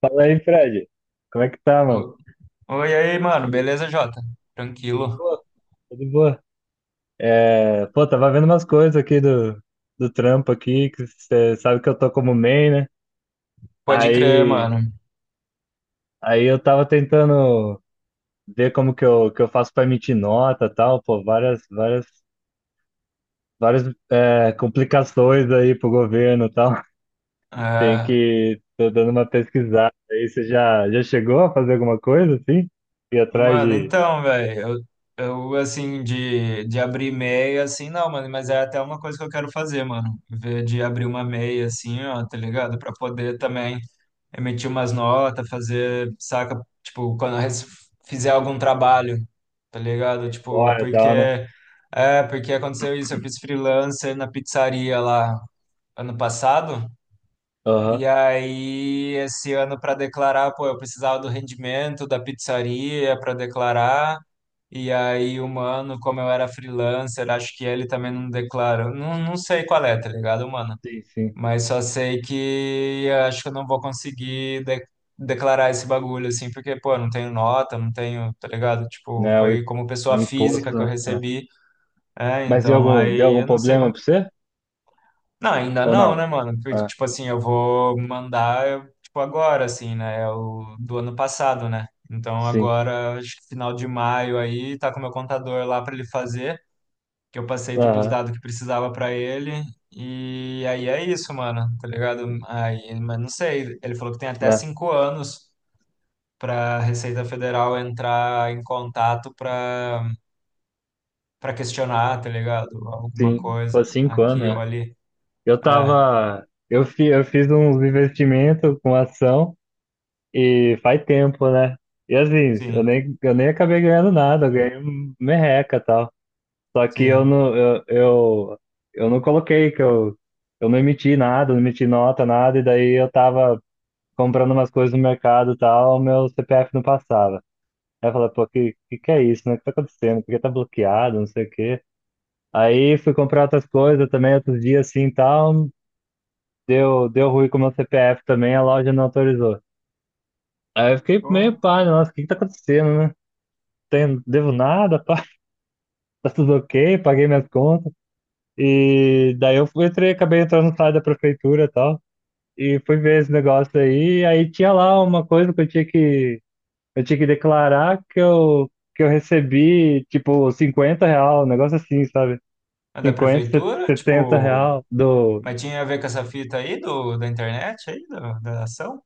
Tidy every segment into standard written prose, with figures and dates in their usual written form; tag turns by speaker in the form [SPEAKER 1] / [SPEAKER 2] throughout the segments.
[SPEAKER 1] Fala aí, Fred. Como é que tá, mano?
[SPEAKER 2] Oi, aí, mano. Beleza, Jota?
[SPEAKER 1] Tudo
[SPEAKER 2] Tranquilo.
[SPEAKER 1] boa, tudo boa. É, pô, tava vendo umas coisas aqui do trampo aqui, que você sabe que eu tô como main, né?
[SPEAKER 2] Pode crer,
[SPEAKER 1] Aí,
[SPEAKER 2] mano.
[SPEAKER 1] aí, eu tava tentando ver como que eu faço pra emitir nota e tal, pô, várias complicações aí pro governo e tal.
[SPEAKER 2] Ah,
[SPEAKER 1] Tô dando uma pesquisada aí. Você já chegou a fazer alguma coisa assim? Ir atrás
[SPEAKER 2] mano,
[SPEAKER 1] de
[SPEAKER 2] então, velho, eu, eu, assim, de abrir meia, assim, não, mano, mas é até uma coisa que eu quero fazer, mano. Ver de abrir uma meia, assim, ó, tá ligado? Pra poder também emitir umas notas, fazer, saca? Tipo, fizer algum trabalho, tá ligado? Tipo,
[SPEAKER 1] fora e
[SPEAKER 2] porque.
[SPEAKER 1] tal, né?
[SPEAKER 2] É, porque aconteceu isso. Eu fiz freelancer na pizzaria lá ano passado.
[SPEAKER 1] Aham.
[SPEAKER 2] E aí, esse ano para declarar, pô, eu precisava do rendimento da pizzaria para declarar. E aí, o mano, como eu era freelancer, acho que ele também não declarou. Não, não sei qual é, tá ligado, mano?
[SPEAKER 1] Sim, sim.
[SPEAKER 2] Mas só sei que eu acho que eu não vou conseguir declarar esse bagulho, assim, porque, pô, eu não tenho nota, não tenho, tá ligado? Tipo,
[SPEAKER 1] Né? O,
[SPEAKER 2] foi como
[SPEAKER 1] o
[SPEAKER 2] pessoa
[SPEAKER 1] imposto,
[SPEAKER 2] física que eu
[SPEAKER 1] né? É.
[SPEAKER 2] recebi. É,
[SPEAKER 1] Mas deu
[SPEAKER 2] então
[SPEAKER 1] algum, deu
[SPEAKER 2] aí
[SPEAKER 1] algum
[SPEAKER 2] eu não sei
[SPEAKER 1] problema
[SPEAKER 2] como
[SPEAKER 1] pra você?
[SPEAKER 2] não, ainda
[SPEAKER 1] Ou
[SPEAKER 2] não,
[SPEAKER 1] não?
[SPEAKER 2] né, mano? Porque,
[SPEAKER 1] Ah,
[SPEAKER 2] tipo assim, eu vou mandar, tipo, agora, assim, né? É o do ano passado, né? Então
[SPEAKER 1] sim.
[SPEAKER 2] agora, acho que final de maio aí, tá com o meu contador lá pra ele fazer, que eu passei todos os
[SPEAKER 1] Aham,
[SPEAKER 2] dados que precisava pra ele. E aí é isso, mano, tá ligado? Aí, mas não sei, ele falou que tem até
[SPEAKER 1] lá,
[SPEAKER 2] 5 anos pra Receita Federal entrar em contato pra, pra questionar, tá ligado? Alguma
[SPEAKER 1] sim. Pô,
[SPEAKER 2] coisa
[SPEAKER 1] 5 anos,
[SPEAKER 2] aqui ou
[SPEAKER 1] né?
[SPEAKER 2] ali.
[SPEAKER 1] Eu
[SPEAKER 2] É,
[SPEAKER 1] tava. Eu fiz uns investimentos com ação e faz tempo, né? E assim, eu
[SPEAKER 2] sim,
[SPEAKER 1] nem, eu nem acabei ganhando nada, eu ganhei um merreca e tal. Só que eu
[SPEAKER 2] sim.
[SPEAKER 1] não, eu, eu, eu não coloquei, eu não emiti nada, não emiti nota, nada, e daí eu tava comprando umas coisas no mercado e tal, meu CPF não passava. Aí eu falei, pô, que é isso, né? O que tá acontecendo? Por que tá bloqueado? Não sei o quê. Aí fui comprar outras coisas também, outros dias assim e tal. Deu ruim com o meu CPF também, a loja não autorizou. Aí eu fiquei meio
[SPEAKER 2] Porra.
[SPEAKER 1] pá, né? Nossa, o que que tá acontecendo, né? Tem, devo nada, pá, tá tudo ok, paguei minhas contas. E daí eu fui, entrei, acabei entrando no site da prefeitura e tal. E fui ver esse negócio aí. Aí tinha lá uma coisa que eu tinha que declarar que eu recebi, tipo, 50 real, um negócio assim, sabe?
[SPEAKER 2] É da
[SPEAKER 1] 50,
[SPEAKER 2] prefeitura?
[SPEAKER 1] 70
[SPEAKER 2] Tipo,
[SPEAKER 1] real do.
[SPEAKER 2] mas tinha a ver com essa fita aí do, da internet aí, da, da ação?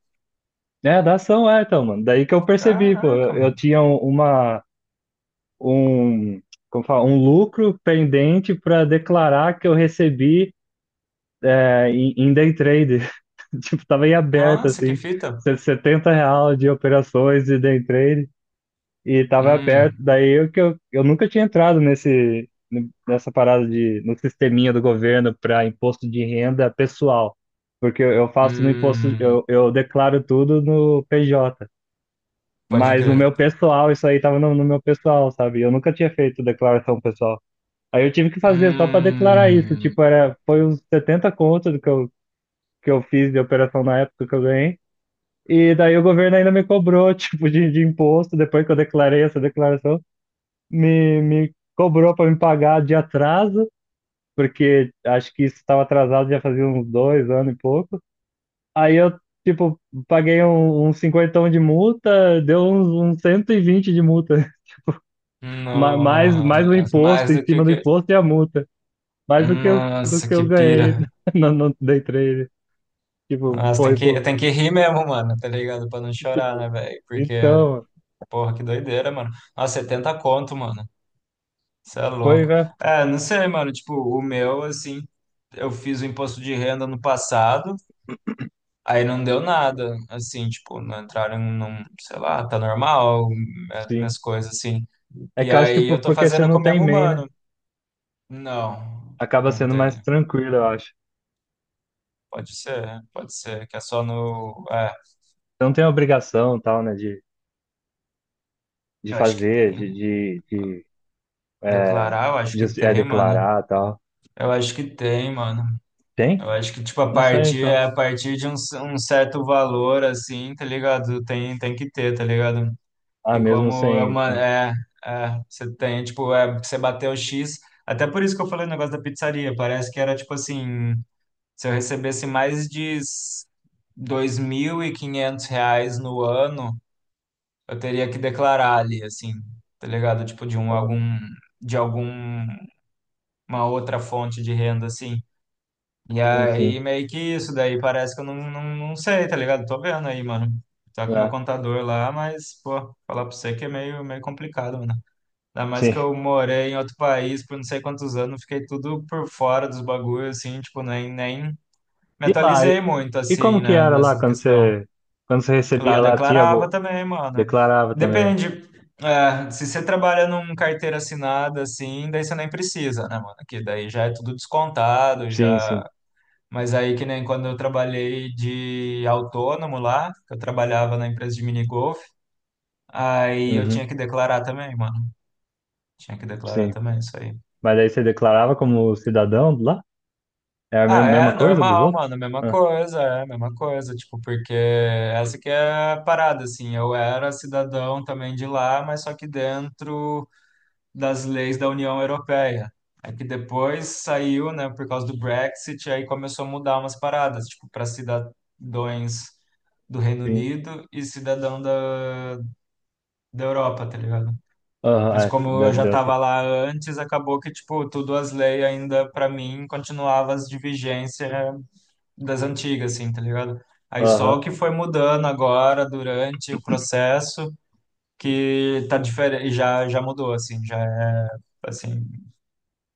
[SPEAKER 1] É, da ação, é, então, mano. Daí que eu percebi, pô.
[SPEAKER 2] Caraca,
[SPEAKER 1] Eu
[SPEAKER 2] mano.
[SPEAKER 1] tinha uma. Um. Como fala? Um lucro pendente para declarar que eu recebi, em day trade. Tipo, tava em aberto,
[SPEAKER 2] Nossa, que
[SPEAKER 1] assim.
[SPEAKER 2] fita.
[SPEAKER 1] 70 real de operações de day trade. E tava perto.
[SPEAKER 2] Hum,
[SPEAKER 1] Daí eu nunca tinha entrado nesse, nessa parada de no sisteminha do governo para imposto de renda pessoal, porque eu faço no imposto,
[SPEAKER 2] hum,
[SPEAKER 1] eu declaro tudo no PJ,
[SPEAKER 2] pode
[SPEAKER 1] mas no meu
[SPEAKER 2] crer.
[SPEAKER 1] pessoal isso aí tava no meu pessoal, sabe? Eu nunca tinha feito declaração pessoal. Aí eu tive que fazer só para declarar isso,
[SPEAKER 2] Hum,
[SPEAKER 1] tipo, era foi uns 70 contos do que eu fiz de operação na época que eu ganhei. E daí o governo ainda me cobrou, tipo, de imposto, depois que eu declarei essa declaração me cobrou para me pagar de atraso, porque acho que isso estava atrasado já fazia uns 2 anos e pouco. Aí eu, tipo, paguei um cinquentão de multa, deu uns 120 de multa. Mais o
[SPEAKER 2] nossa,
[SPEAKER 1] imposto,
[SPEAKER 2] mais
[SPEAKER 1] em
[SPEAKER 2] do que
[SPEAKER 1] cima
[SPEAKER 2] o
[SPEAKER 1] do
[SPEAKER 2] que.
[SPEAKER 1] imposto e a multa. Mais do que eu, do
[SPEAKER 2] Nossa,
[SPEAKER 1] que eu
[SPEAKER 2] que
[SPEAKER 1] ganhei
[SPEAKER 2] pira.
[SPEAKER 1] no day trade. Tipo,
[SPEAKER 2] Nossa,
[SPEAKER 1] foi por.
[SPEAKER 2] tem que rir mesmo, mano, tá ligado? Pra não chorar,
[SPEAKER 1] Tipo,
[SPEAKER 2] né, velho? Porque,
[SPEAKER 1] então,
[SPEAKER 2] porra, que doideira, mano. Nossa, 70 conto, mano. Você é
[SPEAKER 1] foi,
[SPEAKER 2] louco.
[SPEAKER 1] né?
[SPEAKER 2] É, não sei, mano. Tipo, o meu, assim, eu fiz o imposto de renda no passado, aí não deu nada. Assim, tipo, não entraram num, sei lá, tá normal, é,
[SPEAKER 1] Sim.
[SPEAKER 2] minhas coisas, assim.
[SPEAKER 1] É
[SPEAKER 2] E
[SPEAKER 1] que eu acho que
[SPEAKER 2] aí eu tô
[SPEAKER 1] porque você
[SPEAKER 2] fazendo com
[SPEAKER 1] não
[SPEAKER 2] o
[SPEAKER 1] tem
[SPEAKER 2] mesmo
[SPEAKER 1] MEI, né?
[SPEAKER 2] humano. Não,
[SPEAKER 1] Acaba
[SPEAKER 2] não
[SPEAKER 1] sendo mais
[SPEAKER 2] tem.
[SPEAKER 1] tranquilo, eu acho.
[SPEAKER 2] Pode ser, que é só no. É,
[SPEAKER 1] Você não tem obrigação, tal, né? De
[SPEAKER 2] eu acho que
[SPEAKER 1] fazer,
[SPEAKER 2] tem.
[SPEAKER 1] é,
[SPEAKER 2] Declarar, eu acho que tem, mano.
[SPEAKER 1] declarar e tal.
[SPEAKER 2] Eu acho que tem, mano.
[SPEAKER 1] Tem?
[SPEAKER 2] Eu acho que, tipo, a
[SPEAKER 1] Não sei,
[SPEAKER 2] partir,
[SPEAKER 1] então.
[SPEAKER 2] a partir de um, um certo valor, assim, tá ligado? Tem, tem que ter, tá ligado?
[SPEAKER 1] Ah,
[SPEAKER 2] E
[SPEAKER 1] mesmo
[SPEAKER 2] como é
[SPEAKER 1] sem.
[SPEAKER 2] uma,
[SPEAKER 1] Ah,
[SPEAKER 2] é, é, você tem, tipo, é, você bateu o X, até por isso que eu falei o negócio da pizzaria, parece que era, tipo, assim, se eu recebesse mais de s- R$ 2.500 no ano, eu teria que declarar ali, assim, tá ligado? Tipo, de um, algum, de alguma outra fonte de renda, assim. E
[SPEAKER 1] sim,
[SPEAKER 2] aí,
[SPEAKER 1] sim.
[SPEAKER 2] meio que isso, daí parece que eu não, não, não sei, tá ligado? Tô vendo aí, mano. Tá com o meu
[SPEAKER 1] Ah,
[SPEAKER 2] contador lá, mas, pô, falar pra você que é meio, meio complicado, mano. Ainda mais
[SPEAKER 1] sim.
[SPEAKER 2] que eu morei em outro país por não sei quantos anos, fiquei tudo por fora dos bagulhos, assim, tipo, nem, nem me
[SPEAKER 1] E lá, e,
[SPEAKER 2] atualizei muito,
[SPEAKER 1] e como
[SPEAKER 2] assim,
[SPEAKER 1] que
[SPEAKER 2] né,
[SPEAKER 1] era lá
[SPEAKER 2] nessa
[SPEAKER 1] quando
[SPEAKER 2] questão.
[SPEAKER 1] quando você
[SPEAKER 2] Lá
[SPEAKER 1] recebia
[SPEAKER 2] eu
[SPEAKER 1] lá, tinha,
[SPEAKER 2] declarava também, mano.
[SPEAKER 1] declarava também.
[SPEAKER 2] Depende, é, se você trabalha num carteira assinada, assim, daí você nem precisa, né, mano? Que daí já é tudo descontado,
[SPEAKER 1] Sim,
[SPEAKER 2] já.
[SPEAKER 1] sim.
[SPEAKER 2] Mas aí, que nem quando eu trabalhei de autônomo lá, que eu trabalhava na empresa de minigolf, aí eu
[SPEAKER 1] Uhum,
[SPEAKER 2] tinha que declarar também, mano. Tinha que declarar
[SPEAKER 1] sim.
[SPEAKER 2] também isso aí.
[SPEAKER 1] Mas aí você declarava como cidadão lá? É a
[SPEAKER 2] Ah, é
[SPEAKER 1] mesma coisa dos
[SPEAKER 2] normal,
[SPEAKER 1] outros?
[SPEAKER 2] mano, mesma
[SPEAKER 1] Ah,
[SPEAKER 2] coisa, é mesma coisa, tipo, porque essa que é a parada, assim, eu era cidadão também de lá, mas só que dentro das leis da União Europeia. É que depois saiu, né, por causa do Brexit, aí começou a mudar umas paradas, tipo, para cidadãos do Reino
[SPEAKER 1] sim.
[SPEAKER 2] Unido e cidadão da, da Europa, tá ligado?
[SPEAKER 1] Aham,
[SPEAKER 2] Mas
[SPEAKER 1] é,
[SPEAKER 2] como eu já
[SPEAKER 1] deu essa.
[SPEAKER 2] tava lá antes, acabou que, tipo, tudo as leis ainda, pra mim, continuava as de vigência das antigas, assim, tá ligado? Aí só
[SPEAKER 1] Aham,
[SPEAKER 2] o que foi mudando agora, durante o processo, que tá diferente, já, já mudou, assim, já é, assim,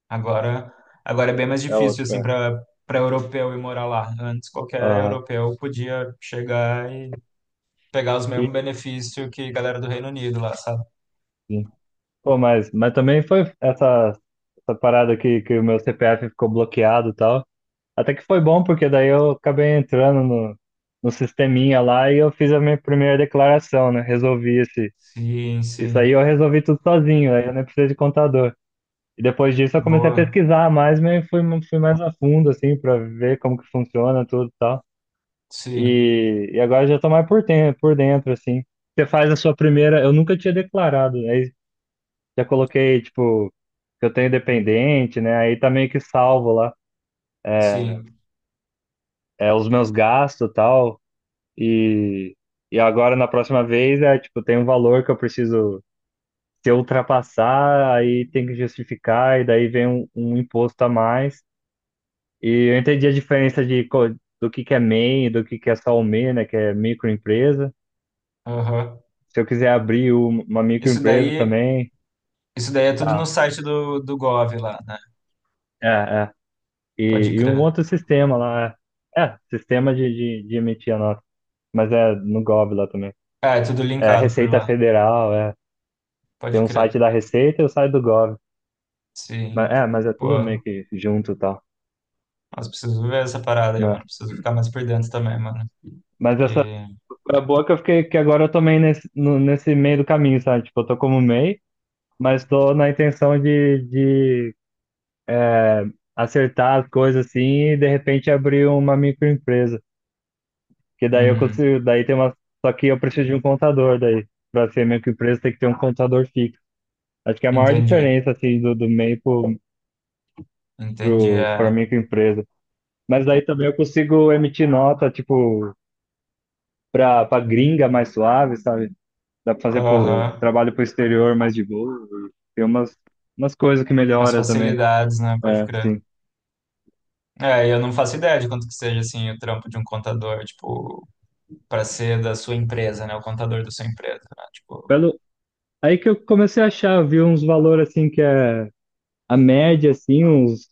[SPEAKER 2] agora, agora é bem mais
[SPEAKER 1] é
[SPEAKER 2] difícil,
[SPEAKER 1] outro,
[SPEAKER 2] assim,
[SPEAKER 1] é.
[SPEAKER 2] pra, para europeu ir morar lá. Antes, qualquer
[SPEAKER 1] Aham.
[SPEAKER 2] europeu podia chegar e pegar os mesmos benefícios que a galera do Reino Unido lá, sabe?
[SPEAKER 1] E- Pô, mas também foi essa parada que o meu CPF ficou bloqueado e tal. Até que foi bom, porque daí eu acabei entrando no sisteminha lá e eu fiz a minha primeira declaração, né? Resolvi esse,
[SPEAKER 2] Sim,
[SPEAKER 1] isso
[SPEAKER 2] sim.
[SPEAKER 1] aí, eu resolvi tudo sozinho, aí eu nem precisei de contador. E depois disso eu comecei a
[SPEAKER 2] Boa.
[SPEAKER 1] pesquisar mais, mas fui mais a fundo, assim, para ver como que funciona tudo e tal.
[SPEAKER 2] Sim,
[SPEAKER 1] E agora eu já tô mais por, por dentro, assim. Você faz a sua primeira. Eu nunca tinha declarado, né? Já coloquei, tipo, que eu tenho dependente, né? Aí tá meio que salvo lá,
[SPEAKER 2] sim.
[SPEAKER 1] é, os meus gastos e tal. E, e agora, na próxima vez, é, tipo, tem um valor que eu preciso, se eu ultrapassar, aí tem que justificar, e daí vem um imposto a mais. E eu entendi a diferença de, do que é MEI, e do que é só o MEI, né? Que é microempresa.
[SPEAKER 2] Aham.
[SPEAKER 1] Se eu quiser abrir uma
[SPEAKER 2] Isso
[SPEAKER 1] microempresa
[SPEAKER 2] daí,
[SPEAKER 1] também,
[SPEAKER 2] isso daí é tudo no
[SPEAKER 1] tá.
[SPEAKER 2] site do, do Gov lá, né?
[SPEAKER 1] É, é. E,
[SPEAKER 2] Pode
[SPEAKER 1] e um
[SPEAKER 2] crer.
[SPEAKER 1] outro sistema lá, é, É, sistema de emitir a nota. Mas é no Gov lá também.
[SPEAKER 2] Ah, é tudo
[SPEAKER 1] É
[SPEAKER 2] linkado por
[SPEAKER 1] Receita
[SPEAKER 2] lá.
[SPEAKER 1] Federal, é. Tem
[SPEAKER 2] Pode
[SPEAKER 1] um site
[SPEAKER 2] crer.
[SPEAKER 1] da Receita e o site do Gov.
[SPEAKER 2] Sim.
[SPEAKER 1] Mas é tudo meio
[SPEAKER 2] Pô,
[SPEAKER 1] que junto e tal,
[SPEAKER 2] mas preciso ver essa parada aí, mano.
[SPEAKER 1] né?
[SPEAKER 2] Preciso ficar mais por dentro também, mano.
[SPEAKER 1] Mas essa
[SPEAKER 2] Que...
[SPEAKER 1] é boa que eu fiquei, que agora eu tomei nesse, nesse meio do caminho, sabe? Tipo, eu tô como MEI, mas tô na intenção de acertar as coisas assim e de repente abrir uma microempresa. Que daí eu
[SPEAKER 2] Hum,
[SPEAKER 1] consigo, daí tem uma. Só que eu preciso de um contador daí. Pra ser microempresa tem que ter um contador fixo. Acho que é a maior
[SPEAKER 2] entendi.
[SPEAKER 1] diferença assim do MEI pro,
[SPEAKER 2] Entendi,
[SPEAKER 1] pra
[SPEAKER 2] é.
[SPEAKER 1] microempresa. Mas daí também eu consigo emitir nota, tipo, pra gringa mais suave, sabe? Dá pra fazer pro,
[SPEAKER 2] Aham.
[SPEAKER 1] trabalho pro exterior mais de boa. Tem umas coisas que
[SPEAKER 2] Umas
[SPEAKER 1] melhora também.
[SPEAKER 2] facilidades, né? Pode
[SPEAKER 1] É,
[SPEAKER 2] crer.
[SPEAKER 1] sim.
[SPEAKER 2] É, eu não faço ideia de quanto que seja assim o trampo de um contador, tipo, para ser da sua empresa, né? O contador da sua empresa, né? Tipo,
[SPEAKER 1] Pelo, aí que eu comecei a achar, vi uns valores assim que é a média, assim, uns.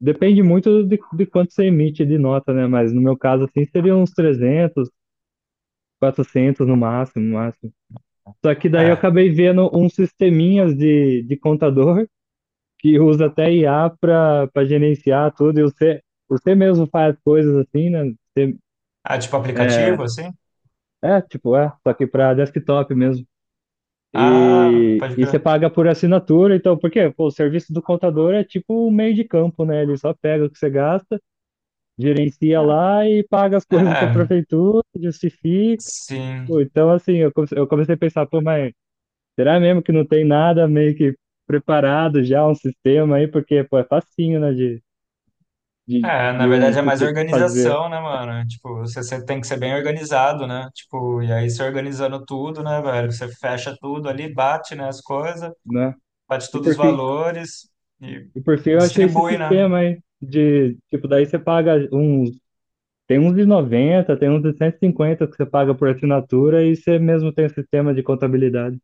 [SPEAKER 1] Depende muito de quanto você emite de nota, né? Mas no meu caso, assim, seria uns 300 400 no máximo, no máximo. Só que daí eu
[SPEAKER 2] é.
[SPEAKER 1] acabei vendo uns sisteminhas de contador que usa até IA para gerenciar tudo, e você mesmo faz coisas assim, né? Você,
[SPEAKER 2] Ah, tipo
[SPEAKER 1] é,
[SPEAKER 2] aplicativo, assim?
[SPEAKER 1] tipo, só que para desktop mesmo.
[SPEAKER 2] Ah,
[SPEAKER 1] E,
[SPEAKER 2] pode
[SPEAKER 1] e você
[SPEAKER 2] crer.
[SPEAKER 1] paga por assinatura, então, porque pô, o serviço do contador é tipo um meio de campo, né? Ele só pega o que você gasta, gerencia
[SPEAKER 2] Ah,
[SPEAKER 1] lá e paga as coisas para a
[SPEAKER 2] é,
[SPEAKER 1] prefeitura, justifica. Pô,
[SPEAKER 2] sim.
[SPEAKER 1] então, assim, eu comecei a pensar, pô, mas será mesmo que não tem nada meio que preparado já, um sistema aí? Porque, pô, é facinho, né,
[SPEAKER 2] É, na
[SPEAKER 1] de um
[SPEAKER 2] verdade é mais
[SPEAKER 1] sistema fazer,
[SPEAKER 2] organização, né, mano? Tipo, você, você tem que ser bem organizado, né? Tipo, e aí você organizando tudo, né, velho? Você fecha tudo ali, bate, né, as coisas,
[SPEAKER 1] né?
[SPEAKER 2] bate
[SPEAKER 1] E
[SPEAKER 2] todos os
[SPEAKER 1] por fim,
[SPEAKER 2] valores e
[SPEAKER 1] e por fim eu achei esse
[SPEAKER 2] distribui, né?
[SPEAKER 1] sistema aí de tipo daí você paga uns, tem uns de 90, tem uns de 150 que você paga por assinatura e você mesmo tem o sistema de contabilidade.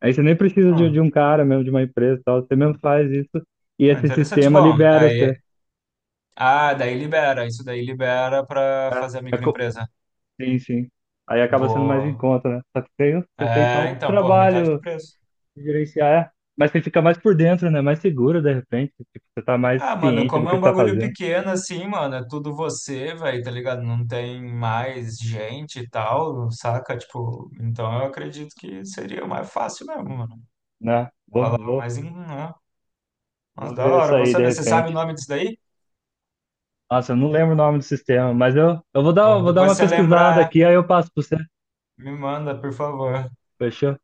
[SPEAKER 1] Aí você nem precisa de
[SPEAKER 2] Ah,
[SPEAKER 1] um cara mesmo, de uma empresa e tal, você mesmo faz isso e
[SPEAKER 2] ah,
[SPEAKER 1] esse
[SPEAKER 2] interessante.
[SPEAKER 1] sistema
[SPEAKER 2] Bom,
[SPEAKER 1] libera
[SPEAKER 2] aí
[SPEAKER 1] você.
[SPEAKER 2] ah, daí libera, isso daí libera pra fazer a
[SPEAKER 1] É co-
[SPEAKER 2] microempresa.
[SPEAKER 1] Sim, sim. Aí acaba sendo mais em
[SPEAKER 2] Boa.
[SPEAKER 1] conta, né? Só que tem, você tem só
[SPEAKER 2] É,
[SPEAKER 1] o
[SPEAKER 2] então, porra, metade do
[SPEAKER 1] trabalho
[SPEAKER 2] preço.
[SPEAKER 1] de gerenciar, é. Mas você fica mais por dentro, né? Mais seguro, de repente. Tipo, você tá mais
[SPEAKER 2] Ah, mano,
[SPEAKER 1] ciente do
[SPEAKER 2] como é
[SPEAKER 1] que você
[SPEAKER 2] um
[SPEAKER 1] tá
[SPEAKER 2] bagulho
[SPEAKER 1] fazendo,
[SPEAKER 2] pequeno assim, mano, é tudo você, velho, tá ligado? Não tem mais gente e tal, saca? Tipo, então eu acredito que seria mais fácil mesmo, mano.
[SPEAKER 1] né?
[SPEAKER 2] Falar mais em. Ah, nossa,
[SPEAKER 1] Vou
[SPEAKER 2] da
[SPEAKER 1] ver isso
[SPEAKER 2] hora, vou
[SPEAKER 1] aí, de
[SPEAKER 2] saber. Você sabe o
[SPEAKER 1] repente.
[SPEAKER 2] nome disso daí?
[SPEAKER 1] Nossa, eu não lembro o nome do sistema, mas eu
[SPEAKER 2] Pô,
[SPEAKER 1] vou dar
[SPEAKER 2] depois
[SPEAKER 1] uma
[SPEAKER 2] você
[SPEAKER 1] pesquisada
[SPEAKER 2] lembrar,
[SPEAKER 1] aqui, aí eu passo pra você.
[SPEAKER 2] me manda, por favor.
[SPEAKER 1] Fechou?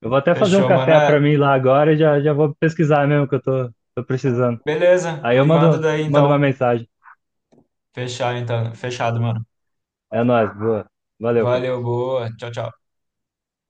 [SPEAKER 1] Eu vou até fazer um
[SPEAKER 2] Fechou, mano.
[SPEAKER 1] café
[SPEAKER 2] É,
[SPEAKER 1] pra mim lá agora e já vou pesquisar mesmo que eu tô precisando.
[SPEAKER 2] beleza,
[SPEAKER 1] Aí eu
[SPEAKER 2] me manda daí
[SPEAKER 1] mando uma
[SPEAKER 2] então.
[SPEAKER 1] mensagem.
[SPEAKER 2] Fechar, então. Fechado, mano.
[SPEAKER 1] É nóis, boa. Valeu,
[SPEAKER 2] Valeu, boa. Tchau, tchau.